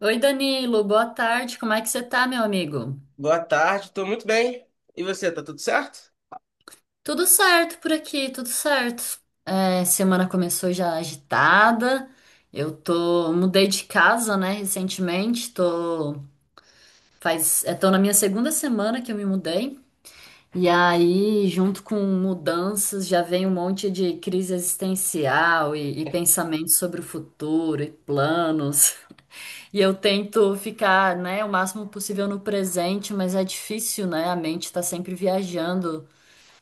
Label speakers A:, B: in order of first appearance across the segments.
A: Oi, Danilo, boa tarde. Como é que você tá, meu amigo?
B: Boa tarde, estou muito bem. E você, tá tudo certo?
A: Tudo certo por aqui, tudo certo. Semana começou já agitada. Mudei de casa, né, recentemente. Tô na minha segunda semana que eu me mudei. E aí, junto com mudanças, já vem um monte de crise existencial e pensamentos sobre o futuro e planos. E eu tento ficar, né, o máximo possível no presente, mas é difícil, né? A mente tá sempre viajando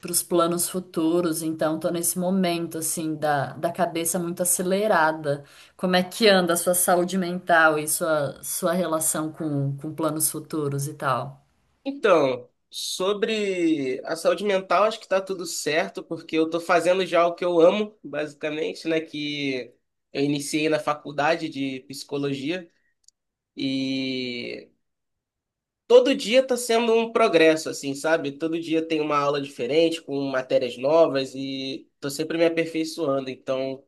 A: para os planos futuros, então tô nesse momento, assim, da cabeça muito acelerada. Como é que anda a sua saúde mental e sua relação com planos futuros e tal?
B: Então, sobre a saúde mental, acho que tá tudo certo, porque eu tô fazendo já o que eu amo, basicamente, né? Que eu iniciei na faculdade de psicologia e todo dia tá sendo um progresso, assim, sabe? Todo dia tem uma aula diferente, com matérias novas e tô sempre me aperfeiçoando. Então,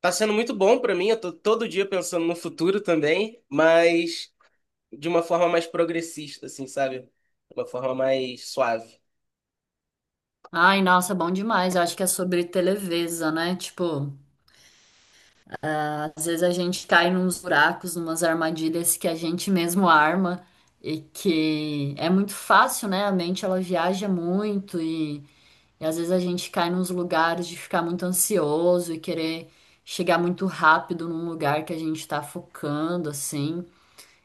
B: tá sendo muito bom para mim. Eu tô todo dia pensando no futuro também, mas, de uma forma mais progressista, assim, sabe? De uma forma mais suave.
A: Ai, nossa, bom demais. Eu acho que é sobre televisa, né? Tipo. Às vezes a gente cai nos buracos, numas armadilhas que a gente mesmo arma e que é muito fácil, né? A mente ela viaja muito e às vezes a gente cai nos lugares de ficar muito ansioso e querer chegar muito rápido num lugar que a gente tá focando, assim.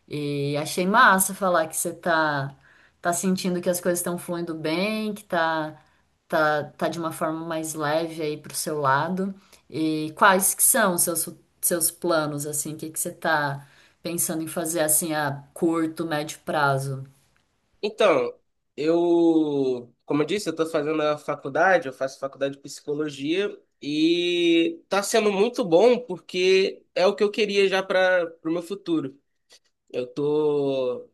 A: E achei massa falar que você tá, tá sentindo que as coisas estão fluindo bem, tá de uma forma mais leve aí pro seu lado. E quais que são os seus planos, assim, o que que você tá pensando em fazer, assim, a curto, médio prazo?
B: Então, eu, como eu disse, eu tô fazendo a faculdade, eu faço faculdade de psicologia e tá sendo muito bom porque é o que eu queria já para o meu futuro. Eu tô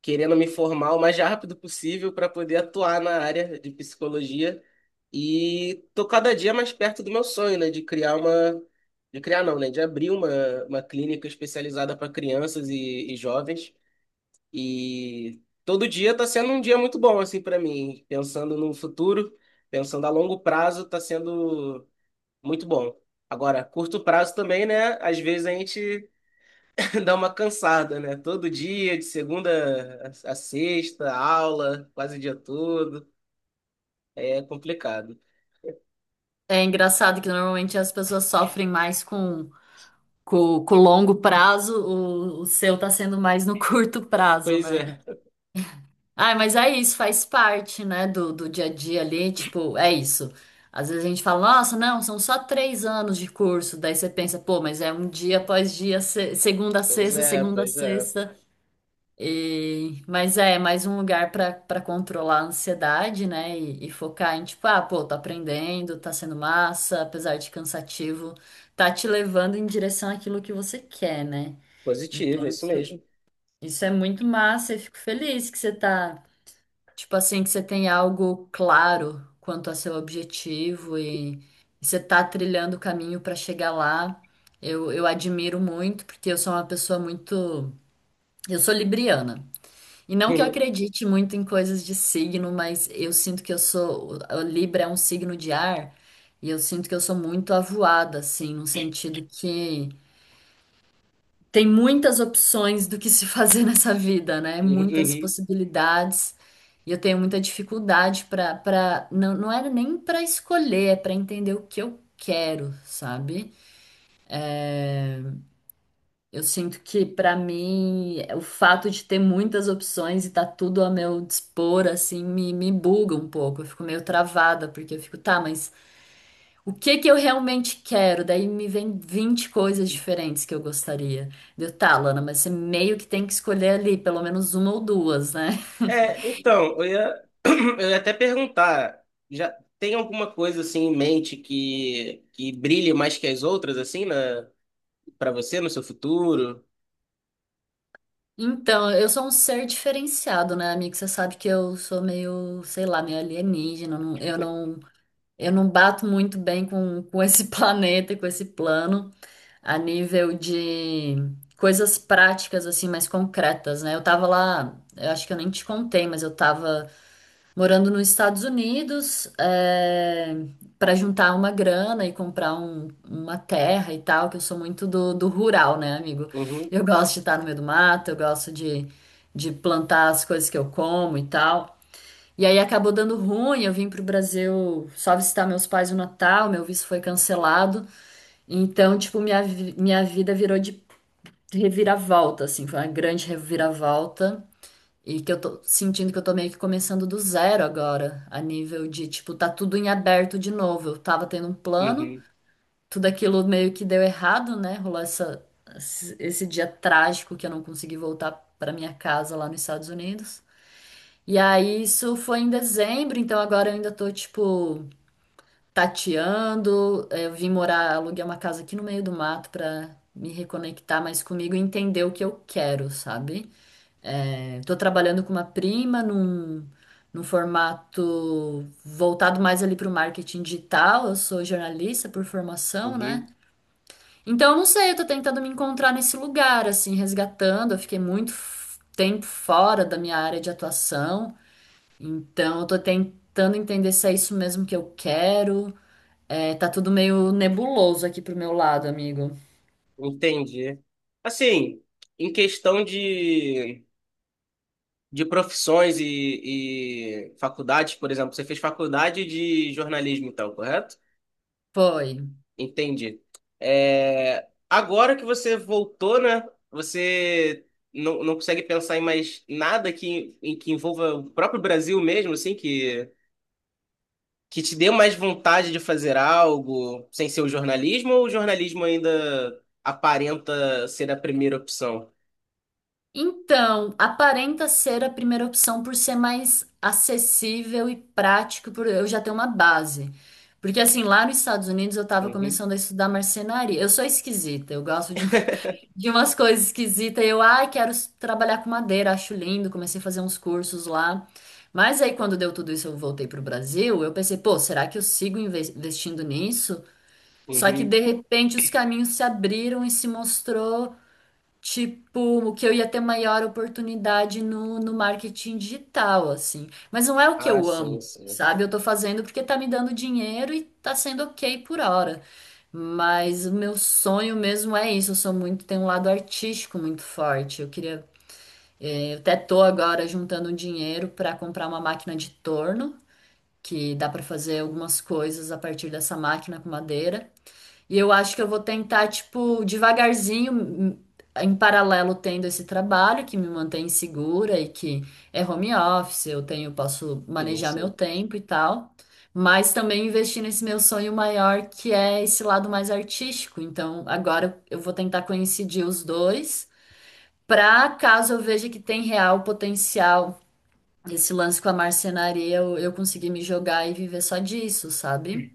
B: querendo me formar o mais rápido possível para poder atuar na área de psicologia e tô cada dia mais perto do meu sonho, né, de criar uma de criar não, né, de abrir uma clínica especializada para crianças e jovens e todo dia tá sendo um dia muito bom assim para mim, pensando no futuro, pensando a longo prazo, tá sendo muito bom. Agora, curto prazo também, né? Às vezes a gente dá uma cansada, né? Todo dia, de segunda a sexta, aula, quase o dia todo. É complicado.
A: É engraçado que normalmente as pessoas sofrem mais com o longo prazo, o seu tá sendo mais no curto prazo,
B: Pois
A: né?
B: é,
A: Ah, mas é isso, faz parte, né, do dia a dia ali, tipo, é isso. Às vezes a gente fala, nossa, não, são só três anos de curso, daí você pensa, pô, mas é um dia após dia,
B: pois é,
A: segunda a
B: pois é.
A: sexta, e... mas é mais um lugar pra para controlar a ansiedade, né, e focar em, tipo, ah, pô, tô aprendendo, tá sendo massa, apesar de cansativo, tá te levando em direção àquilo que você quer, né?
B: Positivo, é
A: Então,
B: isso
A: isso,
B: mesmo.
A: isso é muito massa, eu fico feliz que você tá. Tipo assim, que você tem algo claro quanto a seu objetivo e você tá trilhando o caminho para chegar lá. Eu admiro muito, porque eu sou uma pessoa muito. Eu sou libriana. E não que eu acredite muito em coisas de signo, mas eu sinto que eu sou. O Libra é um signo de ar, e eu sinto que eu sou muito avoada, assim, no sentido que. Tem muitas opções do que se fazer nessa vida, né?
B: Uhum,
A: Muitas
B: uhum.
A: possibilidades. E eu tenho muita dificuldade para não, não era nem para escolher, é para entender o que eu quero, sabe? Eu sinto que para mim o fato de ter muitas opções e tá tudo a meu dispor assim me buga um pouco. Eu fico meio travada porque eu fico, tá, mas o que que eu realmente quero? Daí me vem 20 coisas diferentes que eu gostaria. Deu, tá, Lana, mas você meio que tem que escolher ali, pelo menos uma ou duas, né?
B: É, então, eu ia, eu ia até perguntar, já tem alguma coisa assim em mente que brilhe mais que as outras, assim, na, para você, no seu futuro?
A: Então, eu sou um ser diferenciado, né, amigo? Você sabe que eu sou meio, sei lá, meio alienígena. Eu não bato muito bem com esse planeta, e com esse plano, a nível de coisas práticas, assim, mais concretas, né? Eu tava lá, eu acho que eu nem te contei, mas eu tava. Morando nos Estados Unidos, é, para juntar uma grana e comprar uma terra e tal, que eu sou muito do rural, né, amigo?
B: Uhum,
A: Eu gosto de estar no meio do mato, eu gosto de plantar as coisas que eu como e tal. E aí acabou dando ruim, eu vim pro Brasil só visitar meus pais no Natal, meu visto foi cancelado. Então, tipo, minha vida virou de reviravolta, assim, foi uma grande reviravolta. E que eu tô sentindo que eu tô meio que começando do zero agora, a nível de, tipo, tá tudo em aberto de novo. Eu tava tendo um plano,
B: uhum,
A: tudo aquilo meio que deu errado, né? Rolou esse dia trágico que eu não consegui voltar pra minha casa lá nos Estados Unidos. E aí isso foi em dezembro, então agora eu ainda tô, tipo, tateando. Eu vim morar, aluguei uma casa aqui no meio do mato pra me reconectar mais comigo e entender o que eu quero, sabe? Estou trabalhando com uma prima num formato voltado mais ali para o marketing digital. Eu sou jornalista por formação, né?
B: uhum.
A: Então, eu não sei, eu tô tentando me encontrar nesse lugar, assim, resgatando. Eu fiquei muito tempo fora da minha área de atuação. Então, eu tô tentando entender se é isso mesmo que eu quero. É, tá tudo meio nebuloso aqui pro meu lado, amigo.
B: Entendi. Assim, em questão de profissões e faculdades, por exemplo, você fez faculdade de jornalismo, então, correto?
A: Foi.
B: Entendi. É, agora que você voltou, né? Você não, não consegue pensar em mais nada que, em que envolva o próprio Brasil mesmo, assim, que te dê mais vontade de fazer algo sem ser o jornalismo, ou o jornalismo ainda aparenta ser a primeira opção?
A: Então, aparenta ser a primeira opção por ser mais acessível e prático, por eu já ter uma base. Porque assim, lá nos Estados Unidos eu estava
B: Uhum,
A: começando a estudar marcenaria. Eu sou esquisita, eu gosto de, de umas coisas esquisitas. Eu, ai, quero trabalhar com madeira, acho lindo, comecei a fazer uns cursos lá. Mas aí quando deu tudo isso, eu voltei pro Brasil, eu pensei, pô, será que eu sigo investindo nisso? Só que
B: uhum.
A: de repente os caminhos se abriram e se mostrou tipo, que eu ia ter maior oportunidade no marketing digital, assim. Mas não é o que
B: Ah,
A: eu
B: sim,
A: amo,
B: sim.
A: sabe? Eu tô fazendo porque tá me dando dinheiro e tá sendo ok por hora. Mas o meu sonho mesmo é isso. Eu sou muito, tenho um lado artístico muito forte. Eu queria, eu até tô agora juntando dinheiro para comprar uma máquina de torno, que dá para fazer algumas coisas a partir dessa máquina com madeira. E eu acho que eu vou tentar, tipo, devagarzinho, em paralelo tendo esse trabalho que me mantém segura e que é home office, eu tenho, posso
B: Sim,
A: manejar meu
B: sim.
A: tempo e tal, mas também investir nesse meu sonho maior que é esse lado mais artístico. Então, agora eu vou tentar coincidir os dois, para caso eu veja que tem real potencial esse lance com a marcenaria, eu conseguir me jogar e viver só disso, sabe?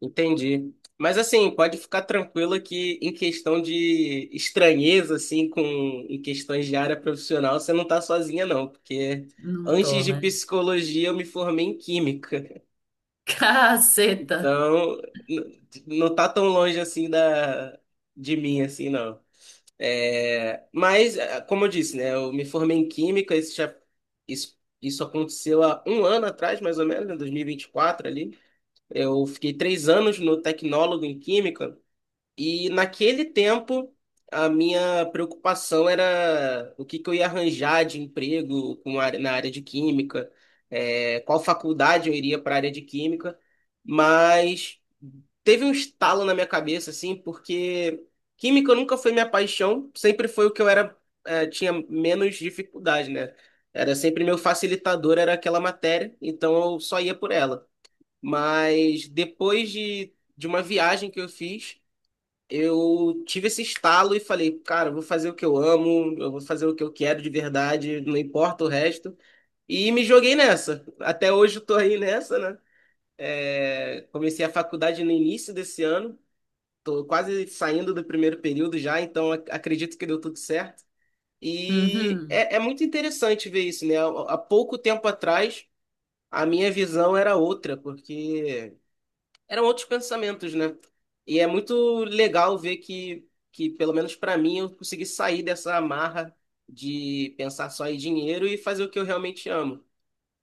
B: Entendi. Mas assim, pode ficar tranquilo que em questão de estranheza, assim, com em questões de área profissional, você não tá sozinha, não, porque
A: Não tô,
B: antes de
A: né?
B: psicologia eu me formei em química.
A: Caceta!
B: Então, não tá tão longe assim da de mim, assim, não. É, mas, como eu disse, né, eu me formei em química, isso aconteceu há um ano atrás, mais ou menos, em 2024 ali. Eu fiquei 3 anos no tecnólogo em química. E naquele tempo, a minha preocupação era o que que eu ia arranjar de emprego com na área de química, é, qual faculdade eu iria para a área de química, mas teve um estalo na minha cabeça, assim, porque química nunca foi minha paixão, sempre foi o que eu era, tinha menos dificuldade, né? Era sempre meu facilitador, era aquela matéria, então eu só ia por ela. Mas depois de uma viagem que eu fiz, eu tive esse estalo e falei, cara, eu vou fazer o que eu amo, eu vou fazer o que eu quero de verdade, não importa o resto. E me joguei nessa. Até hoje eu tô aí nessa, né? É, comecei a faculdade no início desse ano, tô quase saindo do primeiro período já, então acredito que deu tudo certo. E
A: Uhum.
B: é, é muito interessante ver isso, né? Há pouco tempo atrás, a minha visão era outra, porque eram outros pensamentos, né? E é muito legal ver que pelo menos para mim, eu consegui sair dessa amarra de pensar só em dinheiro e fazer o que eu realmente amo.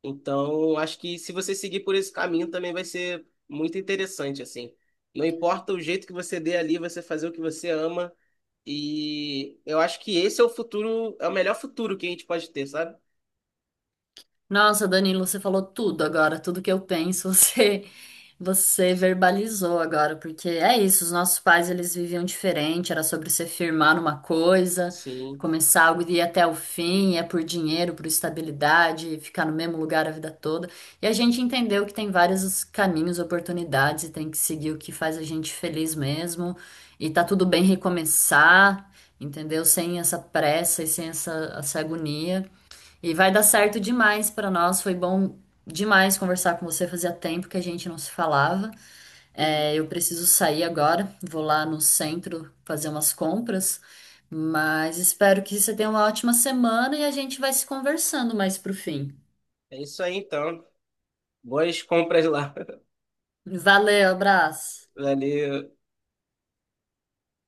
B: Então, acho que se você seguir por esse caminho também vai ser muito interessante, assim. Não importa o jeito que você dê ali, você fazer o que você ama. E eu acho que esse é o futuro, é o melhor futuro que a gente pode ter, sabe?
A: Nossa, Danilo, você falou tudo agora, tudo que eu penso, você verbalizou agora, porque é isso, os nossos pais eles viviam diferente, era sobre você firmar numa coisa,
B: Sim.
A: começar algo e ir até o fim, é por dinheiro, por estabilidade, ficar no mesmo lugar a vida toda. E a gente entendeu que tem vários caminhos, oportunidades e tem que seguir o que faz a gente feliz mesmo, e tá tudo bem recomeçar, entendeu? Sem essa pressa e sem essa agonia. E vai dar certo demais para nós. Foi bom demais conversar com você. Fazia tempo que a gente não se falava. É, eu preciso sair agora. Vou lá no centro fazer umas compras. Mas espero que você tenha uma ótima semana e a gente vai se conversando mais pro fim.
B: É isso aí, então. Boas compras lá.
A: Valeu, abraço.
B: Valeu.